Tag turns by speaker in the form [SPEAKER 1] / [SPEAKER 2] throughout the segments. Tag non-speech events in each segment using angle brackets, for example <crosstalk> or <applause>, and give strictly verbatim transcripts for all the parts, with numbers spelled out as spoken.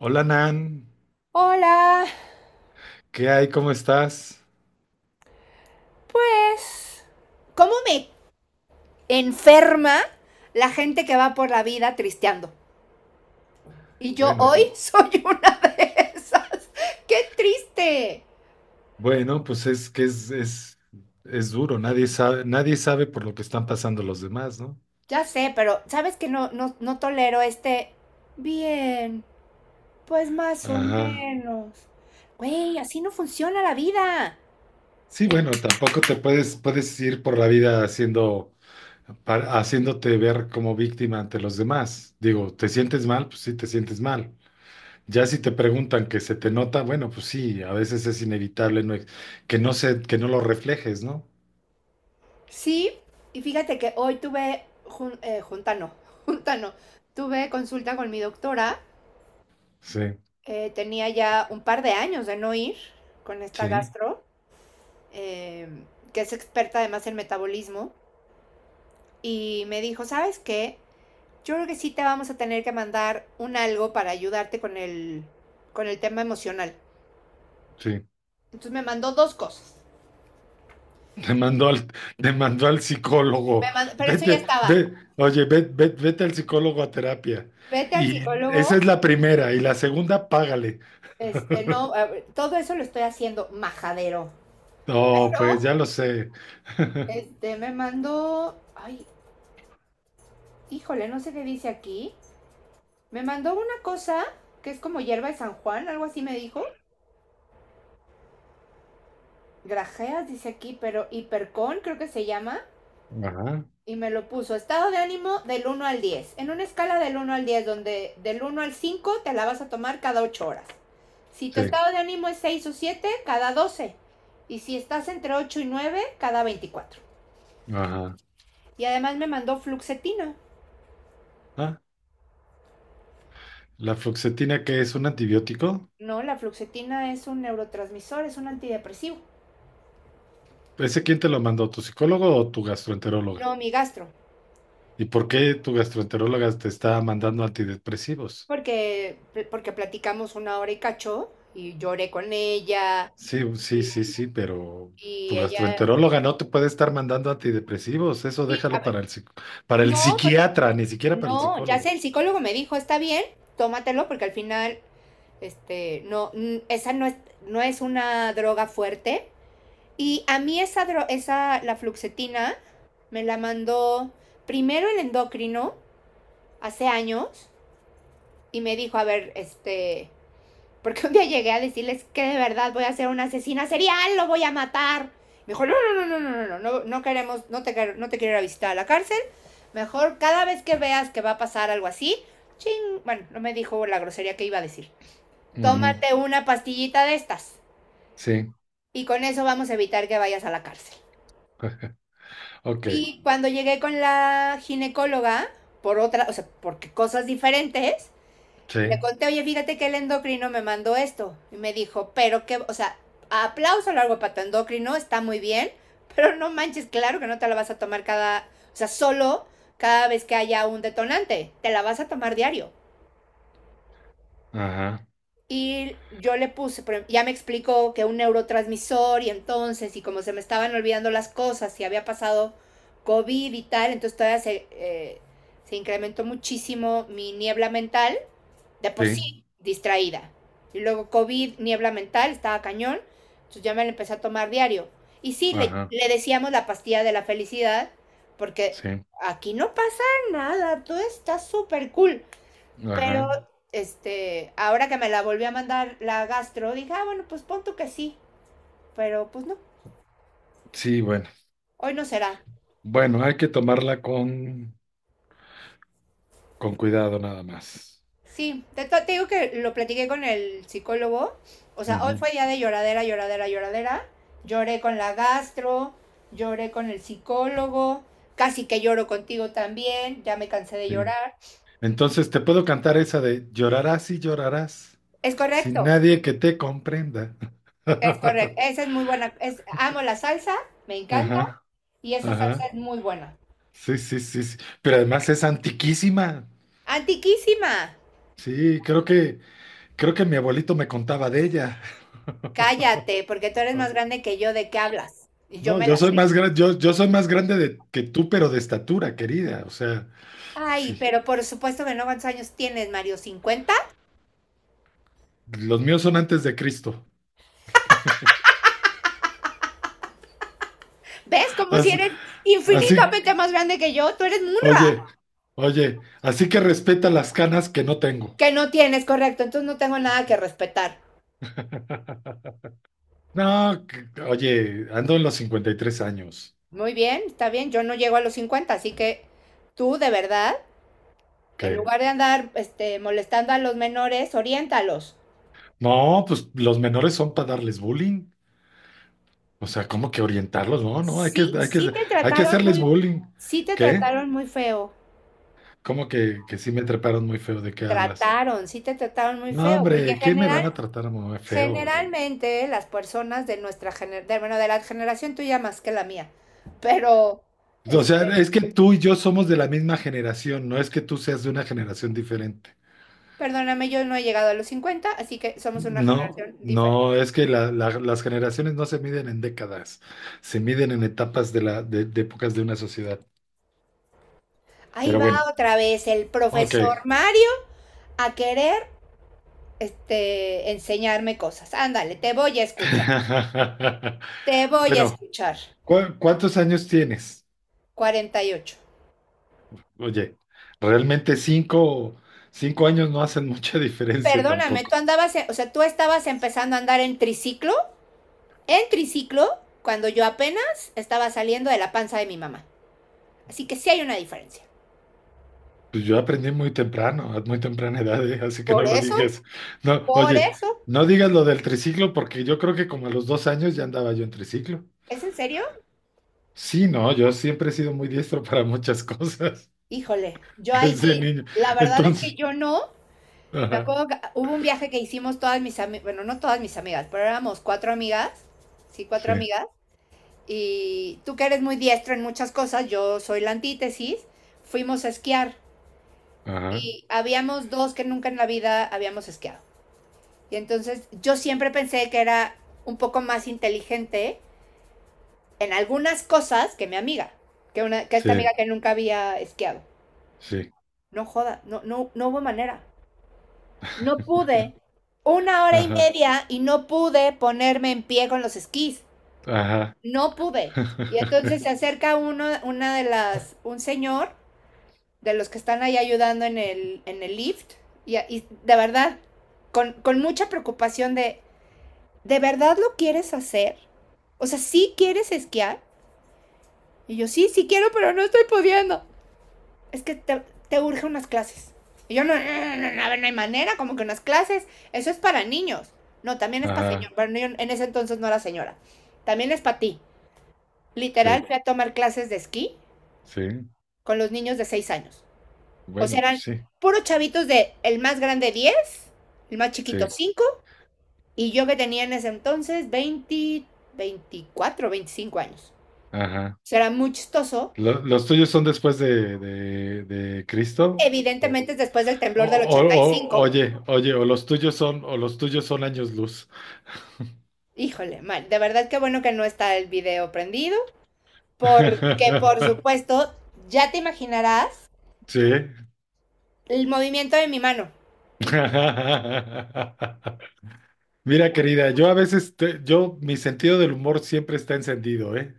[SPEAKER 1] Hola Nan,
[SPEAKER 2] Hola,
[SPEAKER 1] ¿qué hay? ¿Cómo estás?
[SPEAKER 2] pues, ¿cómo me enferma la gente que va por la vida tristeando? Y yo
[SPEAKER 1] Bueno,
[SPEAKER 2] hoy <laughs> soy una de esas. ¡Qué triste!
[SPEAKER 1] bueno, pues es que es, es, es duro, nadie sabe, nadie sabe por lo que están pasando los demás, ¿no?
[SPEAKER 2] Ya sé, pero sabes que no, no, no tolero este. Bien, pues más o
[SPEAKER 1] Ajá.
[SPEAKER 2] menos. Güey, así no funciona la vida.
[SPEAKER 1] Sí, bueno, tampoco te puedes, puedes ir por la vida haciendo, pa- haciéndote ver como víctima ante los demás. Digo, ¿te sientes mal? Pues sí, te sientes mal. Ya si te preguntan que se te nota, bueno, pues sí, a veces es inevitable no ex- que no se, que no lo reflejes, ¿no?
[SPEAKER 2] Sí, y fíjate que hoy tuve jun- eh, junta, no, <laughs> junta no, tuve consulta con mi doctora.
[SPEAKER 1] Sí,
[SPEAKER 2] Eh, tenía ya un par de años de no ir con esta
[SPEAKER 1] sí,
[SPEAKER 2] gastro, eh, que es experta además en metabolismo, y me dijo, ¿sabes qué? Yo creo que sí te vamos a tener que mandar un algo para ayudarte con el, con el tema emocional.
[SPEAKER 1] sí.
[SPEAKER 2] Entonces me mandó dos cosas.
[SPEAKER 1] Te mandó al, te mandó al
[SPEAKER 2] Me
[SPEAKER 1] psicólogo.
[SPEAKER 2] mandó, pero eso ya
[SPEAKER 1] Vete,
[SPEAKER 2] estaba.
[SPEAKER 1] ve, oye, ve- ve- vete al psicólogo a terapia.
[SPEAKER 2] Vete al
[SPEAKER 1] Y esa
[SPEAKER 2] psicólogo.
[SPEAKER 1] es la primera. Y la segunda, págale.
[SPEAKER 2] Este, no, eh, todo eso lo estoy haciendo majadero.
[SPEAKER 1] No, pues
[SPEAKER 2] Pero
[SPEAKER 1] ya lo sé. <laughs>
[SPEAKER 2] este, me mandó, ay, híjole, no sé qué dice aquí. Me mandó una cosa que es como hierba de San Juan, algo así me dijo. Grajeas, dice aquí, pero hipercón creo que se llama.
[SPEAKER 1] Ajá,
[SPEAKER 2] Y me lo puso, estado de ánimo del uno al diez, en una escala del uno al diez, donde del uno al cinco te la vas a tomar cada ocho horas. Si tu
[SPEAKER 1] sí,
[SPEAKER 2] estado de ánimo es seis o siete, cada doce. Y si estás entre ocho y nueve, cada veinticuatro.
[SPEAKER 1] ajá.
[SPEAKER 2] Y además me mandó fluxetina.
[SPEAKER 1] Ah, ¿la fluoxetina, que es un antibiótico?
[SPEAKER 2] No, la fluxetina es un neurotransmisor, es un antidepresivo.
[SPEAKER 1] ¿Ese quién te lo mandó? ¿Tu psicólogo o tu gastroenteróloga?
[SPEAKER 2] No, mi gastro.
[SPEAKER 1] ¿Y por qué tu gastroenteróloga te está mandando antidepresivos?
[SPEAKER 2] porque, porque platicamos una hora y cacho y lloré con ella
[SPEAKER 1] Sí, sí,
[SPEAKER 2] y,
[SPEAKER 1] sí, sí, pero
[SPEAKER 2] y
[SPEAKER 1] tu
[SPEAKER 2] ella,
[SPEAKER 1] gastroenteróloga no te puede estar mandando antidepresivos, eso
[SPEAKER 2] sí, a
[SPEAKER 1] déjalo
[SPEAKER 2] ver,
[SPEAKER 1] para el, psic- para el
[SPEAKER 2] no, porque
[SPEAKER 1] psiquiatra, ni siquiera para el
[SPEAKER 2] no, ya sé,
[SPEAKER 1] psicólogo.
[SPEAKER 2] el psicólogo me dijo, está bien, tómatelo porque al final, este, no, n- esa no es, no es una droga fuerte. Y a mí esa, dro- esa, la fluoxetina, me la mandó primero el endocrino hace años y me dijo, a ver, este, porque un día llegué a decirles que de verdad voy a ser una asesina serial, lo voy a matar. Me dijo, no, no, no, no, no, no, no, no no, no queremos, no te, no te quiero ir a visitar a la cárcel. Mejor cada vez que veas que va a pasar algo así, ching, bueno, no me dijo la grosería que iba a decir.
[SPEAKER 1] Ujú,
[SPEAKER 2] Tómate una pastillita de estas
[SPEAKER 1] sí,
[SPEAKER 2] y con eso vamos a evitar que vayas a la cárcel.
[SPEAKER 1] <laughs> ok,
[SPEAKER 2] Y cuando llegué con la ginecóloga, por otra, o sea, porque cosas diferentes, le
[SPEAKER 1] sí,
[SPEAKER 2] conté, oye, fíjate que el endocrino me mandó esto. Y me dijo, pero que, o sea, aplauso largo para tu endocrino, está muy bien, pero no manches, claro que no te la vas a tomar cada, o sea, solo cada vez que haya un detonante, te la vas a tomar diario.
[SPEAKER 1] ajá,
[SPEAKER 2] Y yo le puse, ya me explicó que un neurotransmisor y entonces, y como se me estaban olvidando las cosas y había pasado COVID y tal, entonces todavía se, eh, se incrementó muchísimo mi niebla mental de por
[SPEAKER 1] sí,
[SPEAKER 2] sí distraída. Y luego COVID, niebla mental, estaba cañón. Entonces ya me la empecé a tomar diario. Y sí, le,
[SPEAKER 1] ajá,
[SPEAKER 2] le decíamos la pastilla de la felicidad, porque
[SPEAKER 1] sí,
[SPEAKER 2] aquí no pasa nada, todo está súper cool.
[SPEAKER 1] ajá,
[SPEAKER 2] Pero este, ahora que me la volví a mandar la gastro, dije, ah, bueno, pues pon tú que sí, pero pues no,
[SPEAKER 1] sí, bueno,
[SPEAKER 2] hoy no será.
[SPEAKER 1] bueno, hay que tomarla con, con cuidado nada más.
[SPEAKER 2] Sí, te, te digo que lo platiqué con el psicólogo. O sea, hoy
[SPEAKER 1] Ujú,
[SPEAKER 2] fue día de lloradera, lloradera, lloradera. Lloré con la gastro, lloré con el psicólogo, casi que lloro contigo también, ya me cansé de
[SPEAKER 1] sí.
[SPEAKER 2] llorar.
[SPEAKER 1] Entonces, te puedo cantar esa de llorarás y llorarás
[SPEAKER 2] Es
[SPEAKER 1] sin
[SPEAKER 2] correcto,
[SPEAKER 1] nadie que te comprenda.
[SPEAKER 2] es correcto.
[SPEAKER 1] <laughs>
[SPEAKER 2] Esa es muy buena. Es, amo la salsa, me encanta
[SPEAKER 1] Ajá.
[SPEAKER 2] y esa salsa
[SPEAKER 1] Ajá.
[SPEAKER 2] es muy buena.
[SPEAKER 1] Sí, sí, sí, sí. Pero además es antiquísima.
[SPEAKER 2] Antiquísima.
[SPEAKER 1] Sí, creo que, creo que mi abuelito me contaba de ella. <laughs>
[SPEAKER 2] Cállate, porque tú eres más grande que yo, ¿de qué hablas? Y yo
[SPEAKER 1] No,
[SPEAKER 2] me
[SPEAKER 1] yo
[SPEAKER 2] la
[SPEAKER 1] soy
[SPEAKER 2] sé.
[SPEAKER 1] más grande, yo, yo soy más grande de, que tú, pero de estatura, querida. O sea,
[SPEAKER 2] Ay,
[SPEAKER 1] sí.
[SPEAKER 2] pero por supuesto que no, ¿cuántos años tienes, Mario? Cincuenta.
[SPEAKER 1] Los míos son antes de Cristo.
[SPEAKER 2] ¿Ves? Como si
[SPEAKER 1] As-
[SPEAKER 2] eres
[SPEAKER 1] Así,
[SPEAKER 2] infinitamente más grande que yo. Tú eres un rojo
[SPEAKER 1] oye, oye, así que respeta las canas que no tengo.
[SPEAKER 2] que no tienes, correcto. Entonces no tengo nada que respetar.
[SPEAKER 1] <laughs> No, que- oye, ando en los cincuenta y tres años.
[SPEAKER 2] Muy bien, está bien. Yo no llego a los cincuenta, así que tú, de verdad, en
[SPEAKER 1] ¿Qué?
[SPEAKER 2] lugar de andar este, molestando a los menores, oriéntalos.
[SPEAKER 1] No, pues los menores son para darles bullying. O sea, ¿cómo que orientarlos? No, no, hay que,
[SPEAKER 2] Sí,
[SPEAKER 1] hay que,
[SPEAKER 2] sí te
[SPEAKER 1] hay que
[SPEAKER 2] trataron
[SPEAKER 1] hacerles
[SPEAKER 2] muy,
[SPEAKER 1] bullying.
[SPEAKER 2] sí te
[SPEAKER 1] ¿Qué?
[SPEAKER 2] trataron muy feo.
[SPEAKER 1] ¿Cómo que, que sí me treparon muy feo? ¿De qué hablas?
[SPEAKER 2] Trataron, sí te trataron muy
[SPEAKER 1] No,
[SPEAKER 2] feo, porque
[SPEAKER 1] hombre, ¿qué me
[SPEAKER 2] general,
[SPEAKER 1] van a tratar muy feo, oye?
[SPEAKER 2] generalmente las personas de nuestra generación, bueno, de la generación tuya más que la mía, pero
[SPEAKER 1] O sea,
[SPEAKER 2] este,
[SPEAKER 1] es que tú y yo somos de la misma generación, no es que tú seas de una generación diferente.
[SPEAKER 2] Perdóname, yo no he llegado a los cincuenta, así que somos una
[SPEAKER 1] No,
[SPEAKER 2] generación diferente.
[SPEAKER 1] no, es que la- la- las generaciones no se miden en décadas, se miden en etapas de la, de, de épocas de una sociedad.
[SPEAKER 2] Ahí
[SPEAKER 1] Pero
[SPEAKER 2] va
[SPEAKER 1] bueno,
[SPEAKER 2] otra vez el profesor
[SPEAKER 1] ok.
[SPEAKER 2] Mario a querer este, enseñarme cosas. Ándale, te voy a escuchar.
[SPEAKER 1] <laughs>
[SPEAKER 2] Te voy a
[SPEAKER 1] Bueno,
[SPEAKER 2] escuchar.
[SPEAKER 1] ¿cu- cuántos años tienes?
[SPEAKER 2] Cuarenta y ocho.
[SPEAKER 1] Oye, realmente cinco, cinco años no hacen <laughs> mucha diferencia
[SPEAKER 2] Perdóname, tú
[SPEAKER 1] tampoco.
[SPEAKER 2] andabas, en- o sea, tú estabas empezando a andar en triciclo, en triciclo, cuando yo apenas estaba saliendo de la panza de mi mamá. Así que sí hay una diferencia.
[SPEAKER 1] Pues yo aprendí muy temprano, a muy temprana edad, ¿eh? Así que no
[SPEAKER 2] Por
[SPEAKER 1] lo
[SPEAKER 2] eso,
[SPEAKER 1] digas. No,
[SPEAKER 2] por
[SPEAKER 1] oye,
[SPEAKER 2] eso.
[SPEAKER 1] no digas lo del triciclo porque yo creo que como a los dos años ya andaba yo en triciclo.
[SPEAKER 2] ¿Es en serio?
[SPEAKER 1] Sí, no, yo siempre he sido muy diestro <laughs> para muchas cosas
[SPEAKER 2] Híjole,
[SPEAKER 1] <laughs>
[SPEAKER 2] yo ahí
[SPEAKER 1] desde
[SPEAKER 2] sí,
[SPEAKER 1] niño.
[SPEAKER 2] la verdad es que
[SPEAKER 1] Entonces,
[SPEAKER 2] yo no. Me
[SPEAKER 1] ajá,
[SPEAKER 2] acuerdo que hubo un viaje que hicimos todas mis amigas, bueno, no todas mis amigas, pero éramos cuatro amigas, sí,
[SPEAKER 1] sí,
[SPEAKER 2] cuatro amigas, y tú que eres muy diestro en muchas cosas, yo soy la antítesis, fuimos a esquiar
[SPEAKER 1] ajá,
[SPEAKER 2] y habíamos dos que nunca en la vida habíamos esquiado. Y entonces yo siempre pensé que era un poco más inteligente en algunas cosas que mi amiga, que, una, que esta
[SPEAKER 1] sí,
[SPEAKER 2] amiga que nunca había esquiado.
[SPEAKER 1] sí,
[SPEAKER 2] No joda, no, no, no hubo manera. No pude. Una hora y
[SPEAKER 1] ajá,
[SPEAKER 2] media y no pude ponerme en pie con los esquís.
[SPEAKER 1] ajá,
[SPEAKER 2] No pude. Y entonces se
[SPEAKER 1] <laughs>
[SPEAKER 2] acerca uno, una de las, un señor de los que están ahí ayudando en el, en el lift. Y, y de verdad, con, con mucha preocupación de, ¿de verdad lo quieres hacer? O sea, ¿sí quieres esquiar? Y yo, sí, sí quiero, pero no estoy pudiendo. Es que te, te urge unas clases. Y yo, no, no, no, no, no, a ver, no hay manera, como que unas clases, eso es para niños. No, también es para señor,
[SPEAKER 1] ajá,
[SPEAKER 2] pero yo en ese entonces no era señora. También es para ti.
[SPEAKER 1] sí,
[SPEAKER 2] Literal, fui a tomar clases de esquí
[SPEAKER 1] sí.
[SPEAKER 2] con los niños de seis años. O
[SPEAKER 1] Bueno,
[SPEAKER 2] sea, eran
[SPEAKER 1] pues sí,
[SPEAKER 2] puros chavitos, de el más grande diez, el más chiquito
[SPEAKER 1] sí.
[SPEAKER 2] cinco, y yo que tenía en ese entonces veinte, veinticuatro veinticinco años.
[SPEAKER 1] Ajá.
[SPEAKER 2] O sea, era muy chistoso.
[SPEAKER 1] ¿Lo- ¿Los tuyos son después de, de, de Cristo? O,
[SPEAKER 2] Evidentemente es después del
[SPEAKER 1] o-
[SPEAKER 2] temblor del
[SPEAKER 1] o-
[SPEAKER 2] ochenta y
[SPEAKER 1] o-
[SPEAKER 2] cinco
[SPEAKER 1] Oye, oye, o los tuyos son, o los tuyos son años luz.
[SPEAKER 2] Híjole, mal. De verdad que bueno que no está el video prendido, porque por
[SPEAKER 1] <laughs>
[SPEAKER 2] supuesto, ya te imaginarás
[SPEAKER 1] Sí.
[SPEAKER 2] el movimiento de mi mano.
[SPEAKER 1] <laughs> Mira, querida, yo a veces, te- yo, mi sentido del humor siempre está encendido, ¿eh?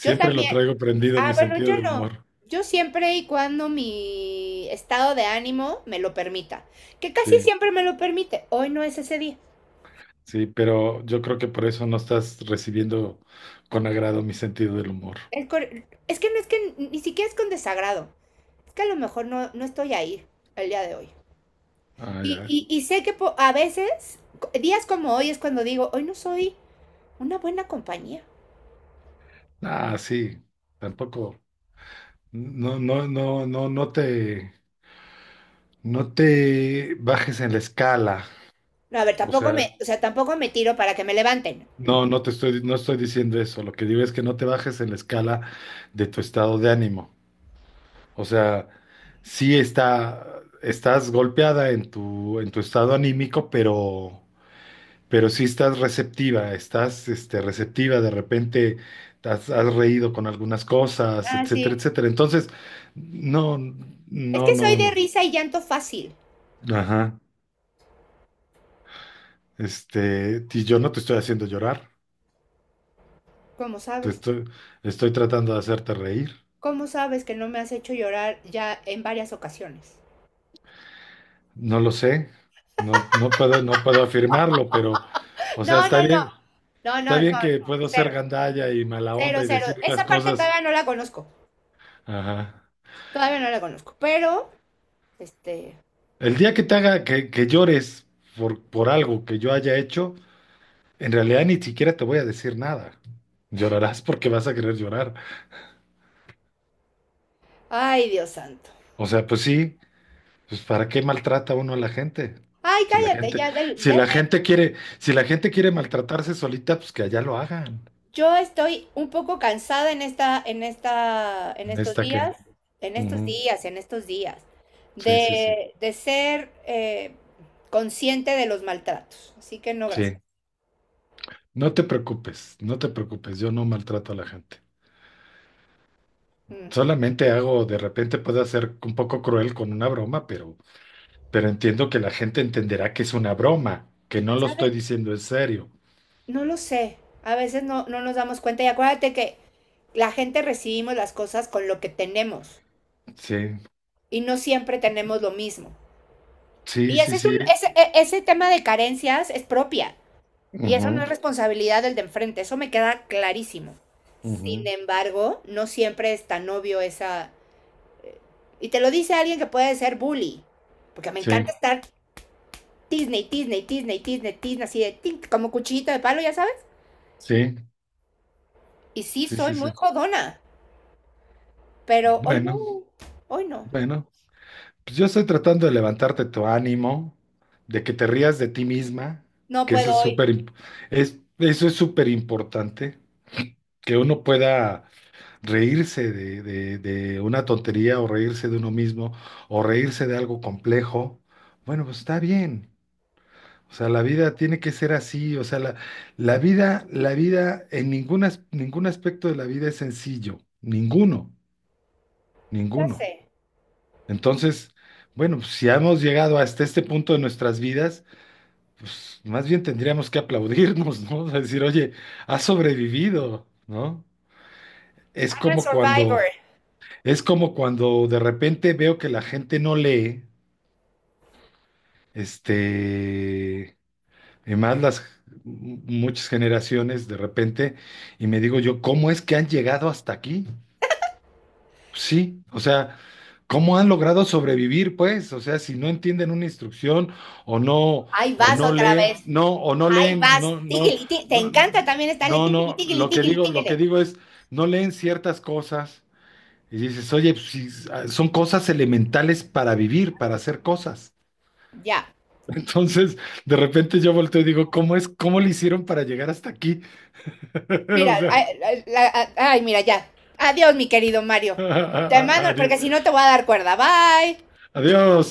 [SPEAKER 2] Yo
[SPEAKER 1] lo
[SPEAKER 2] también.
[SPEAKER 1] traigo prendido, mi
[SPEAKER 2] Ah, bueno,
[SPEAKER 1] sentido
[SPEAKER 2] yo
[SPEAKER 1] del
[SPEAKER 2] no.
[SPEAKER 1] humor.
[SPEAKER 2] Yo siempre y cuando mi estado de ánimo me lo permita, que casi
[SPEAKER 1] Sí,
[SPEAKER 2] siempre me lo permite. Hoy no es ese día.
[SPEAKER 1] sí, pero yo creo que por eso no estás recibiendo con agrado mi sentido del humor.
[SPEAKER 2] El cor- Es que no es que ni siquiera es con desagrado. Es que a lo mejor no, no estoy ahí el día de hoy.
[SPEAKER 1] Ah,
[SPEAKER 2] Y,
[SPEAKER 1] ya.
[SPEAKER 2] y, y sé que po- a veces, co- días como hoy es cuando digo, hoy no soy una buena compañía.
[SPEAKER 1] Ah, sí, tampoco. No, no, no, no, no te, no te bajes en la escala.
[SPEAKER 2] No, a ver,
[SPEAKER 1] O
[SPEAKER 2] tampoco me,
[SPEAKER 1] sea,
[SPEAKER 2] o sea, tampoco me tiro para que me levanten.
[SPEAKER 1] no, no te estoy, no estoy diciendo eso. Lo que digo es que no te bajes en la escala de tu estado de ánimo. O sea, sí está, estás golpeada en tu, en tu estado anímico, pero, pero sí estás receptiva, estás, este, receptiva. De repente has, has reído con algunas cosas,
[SPEAKER 2] Ah,
[SPEAKER 1] etcétera,
[SPEAKER 2] sí.
[SPEAKER 1] etcétera. Entonces, no,
[SPEAKER 2] Es
[SPEAKER 1] no,
[SPEAKER 2] que soy
[SPEAKER 1] no,
[SPEAKER 2] de
[SPEAKER 1] no.
[SPEAKER 2] risa y llanto fácil.
[SPEAKER 1] Ajá. Este, y yo no te estoy haciendo llorar,
[SPEAKER 2] ¿Cómo
[SPEAKER 1] te
[SPEAKER 2] sabes?
[SPEAKER 1] estoy, estoy tratando de hacerte reír.
[SPEAKER 2] ¿Cómo sabes que no me has hecho llorar ya en varias ocasiones?
[SPEAKER 1] No lo sé, no, no puedo, no puedo afirmarlo, pero, o sea,
[SPEAKER 2] No,
[SPEAKER 1] está
[SPEAKER 2] no, no.
[SPEAKER 1] bien,
[SPEAKER 2] No,
[SPEAKER 1] está
[SPEAKER 2] no, no.
[SPEAKER 1] bien
[SPEAKER 2] No.
[SPEAKER 1] que puedo ser
[SPEAKER 2] Cero.
[SPEAKER 1] gandalla y mala
[SPEAKER 2] Cero,
[SPEAKER 1] onda y
[SPEAKER 2] cero.
[SPEAKER 1] decir las
[SPEAKER 2] Esa parte
[SPEAKER 1] cosas.
[SPEAKER 2] todavía no la conozco.
[SPEAKER 1] Ajá.
[SPEAKER 2] Todavía no la conozco. Pero, este.
[SPEAKER 1] El día que te haga que, que llores por, por algo que yo haya hecho, en realidad ni siquiera te voy a decir nada. Llorarás porque vas a querer llorar.
[SPEAKER 2] Ay, Dios santo.
[SPEAKER 1] O sea, pues sí. Pues ¿para qué maltrata uno a la gente?
[SPEAKER 2] Ay,
[SPEAKER 1] Si la
[SPEAKER 2] cállate,
[SPEAKER 1] gente,
[SPEAKER 2] ya del,
[SPEAKER 1] si
[SPEAKER 2] ya.
[SPEAKER 1] la gente quiere, si la gente quiere maltratarse solita, pues que allá lo hagan.
[SPEAKER 2] Yo estoy un poco cansada en esta, en esta, en
[SPEAKER 1] ¿En
[SPEAKER 2] estos
[SPEAKER 1] esta qué?
[SPEAKER 2] días, en estos
[SPEAKER 1] Ujú.
[SPEAKER 2] días, en estos días,
[SPEAKER 1] Sí, sí, sí.
[SPEAKER 2] de, de ser eh, consciente de los maltratos. Así que no, gracias.
[SPEAKER 1] Sí. No te preocupes, no te preocupes, yo no maltrato a la gente.
[SPEAKER 2] Mm.
[SPEAKER 1] Solamente hago, de repente puedo ser un poco cruel con una broma, pero, pero entiendo que la gente entenderá que es una broma, que no lo estoy
[SPEAKER 2] ¿Sabe?
[SPEAKER 1] diciendo en serio.
[SPEAKER 2] No lo sé. A veces no, no nos damos cuenta. Y acuérdate que la gente recibimos las cosas con lo que tenemos
[SPEAKER 1] Sí,
[SPEAKER 2] y no siempre tenemos lo mismo.
[SPEAKER 1] sí,
[SPEAKER 2] Y
[SPEAKER 1] sí,
[SPEAKER 2] ese es un,
[SPEAKER 1] sí.
[SPEAKER 2] ese, e- ese tema de carencias es propia. Y eso no
[SPEAKER 1] Ujú,
[SPEAKER 2] es responsabilidad del de enfrente, eso me queda clarísimo. Sin
[SPEAKER 1] ujú.
[SPEAKER 2] embargo, no siempre es tan obvio esa... eh, Y te lo dice alguien que puede ser bully, porque me encanta
[SPEAKER 1] Sí,
[SPEAKER 2] estar Disney, Disney, Disney, Disney, Disney, así de tic, como cuchillito de palo, ya sabes.
[SPEAKER 1] sí,
[SPEAKER 2] Y sí,
[SPEAKER 1] sí,
[SPEAKER 2] soy
[SPEAKER 1] sí,
[SPEAKER 2] muy
[SPEAKER 1] sí.
[SPEAKER 2] jodona, pero hoy no,
[SPEAKER 1] Bueno,
[SPEAKER 2] hoy no,
[SPEAKER 1] bueno. Pues yo estoy tratando de levantarte tu ánimo, de que te rías de ti misma,
[SPEAKER 2] no
[SPEAKER 1] que eso
[SPEAKER 2] puedo
[SPEAKER 1] es
[SPEAKER 2] hoy.
[SPEAKER 1] súper, imp- es, eso es súper importante, que uno pueda reírse de, de- de una tontería o reírse de uno mismo o reírse de algo complejo. Bueno, pues está bien. O sea, la vida tiene que ser así. O sea, la, la vida, la vida, en ningún as- ningún aspecto de la vida es sencillo. Ninguno,
[SPEAKER 2] Ya
[SPEAKER 1] ninguno.
[SPEAKER 2] sé,
[SPEAKER 1] Entonces, bueno, pues, si hemos llegado hasta este punto de nuestras vidas, pues más bien tendríamos que aplaudirnos, ¿no? <laughs> O sea, decir, oye, has sobrevivido, ¿no? Es
[SPEAKER 2] I'm a
[SPEAKER 1] como
[SPEAKER 2] survivor.
[SPEAKER 1] cuando, es como cuando de repente veo que la gente no lee, este, y más las muchas generaciones de repente, y me digo yo, ¿cómo es que han llegado hasta aquí? Sí, o sea, ¿cómo han logrado sobrevivir, pues? O sea, si no entienden una instrucción o no,
[SPEAKER 2] Ahí
[SPEAKER 1] o
[SPEAKER 2] vas
[SPEAKER 1] no
[SPEAKER 2] otra vez,
[SPEAKER 1] leen, no, o no
[SPEAKER 2] ahí
[SPEAKER 1] leen,
[SPEAKER 2] vas,
[SPEAKER 1] no, no,
[SPEAKER 2] tigili, tigili. Te
[SPEAKER 1] no,
[SPEAKER 2] encanta también estarle
[SPEAKER 1] no,
[SPEAKER 2] tigili,
[SPEAKER 1] no,
[SPEAKER 2] tigili,
[SPEAKER 1] lo que
[SPEAKER 2] tigili,
[SPEAKER 1] digo, lo que
[SPEAKER 2] tigili.
[SPEAKER 1] digo es, no leen ciertas cosas y dices, oye, pues, si s- ah, son cosas elementales para vivir, para hacer cosas.
[SPEAKER 2] Ya,
[SPEAKER 1] <laughs> Entonces, de repente yo volteo y digo, ¿cómo es, cómo le hicieron para llegar hasta aquí? <laughs> O
[SPEAKER 2] mira,
[SPEAKER 1] sea,
[SPEAKER 2] ay, ay, la- ay, mira, ya. Adiós, mi querido Mario. Te
[SPEAKER 1] <laughs>
[SPEAKER 2] mando,
[SPEAKER 1] adiós.
[SPEAKER 2] porque si no te voy a dar cuerda. Bye.
[SPEAKER 1] Adiós.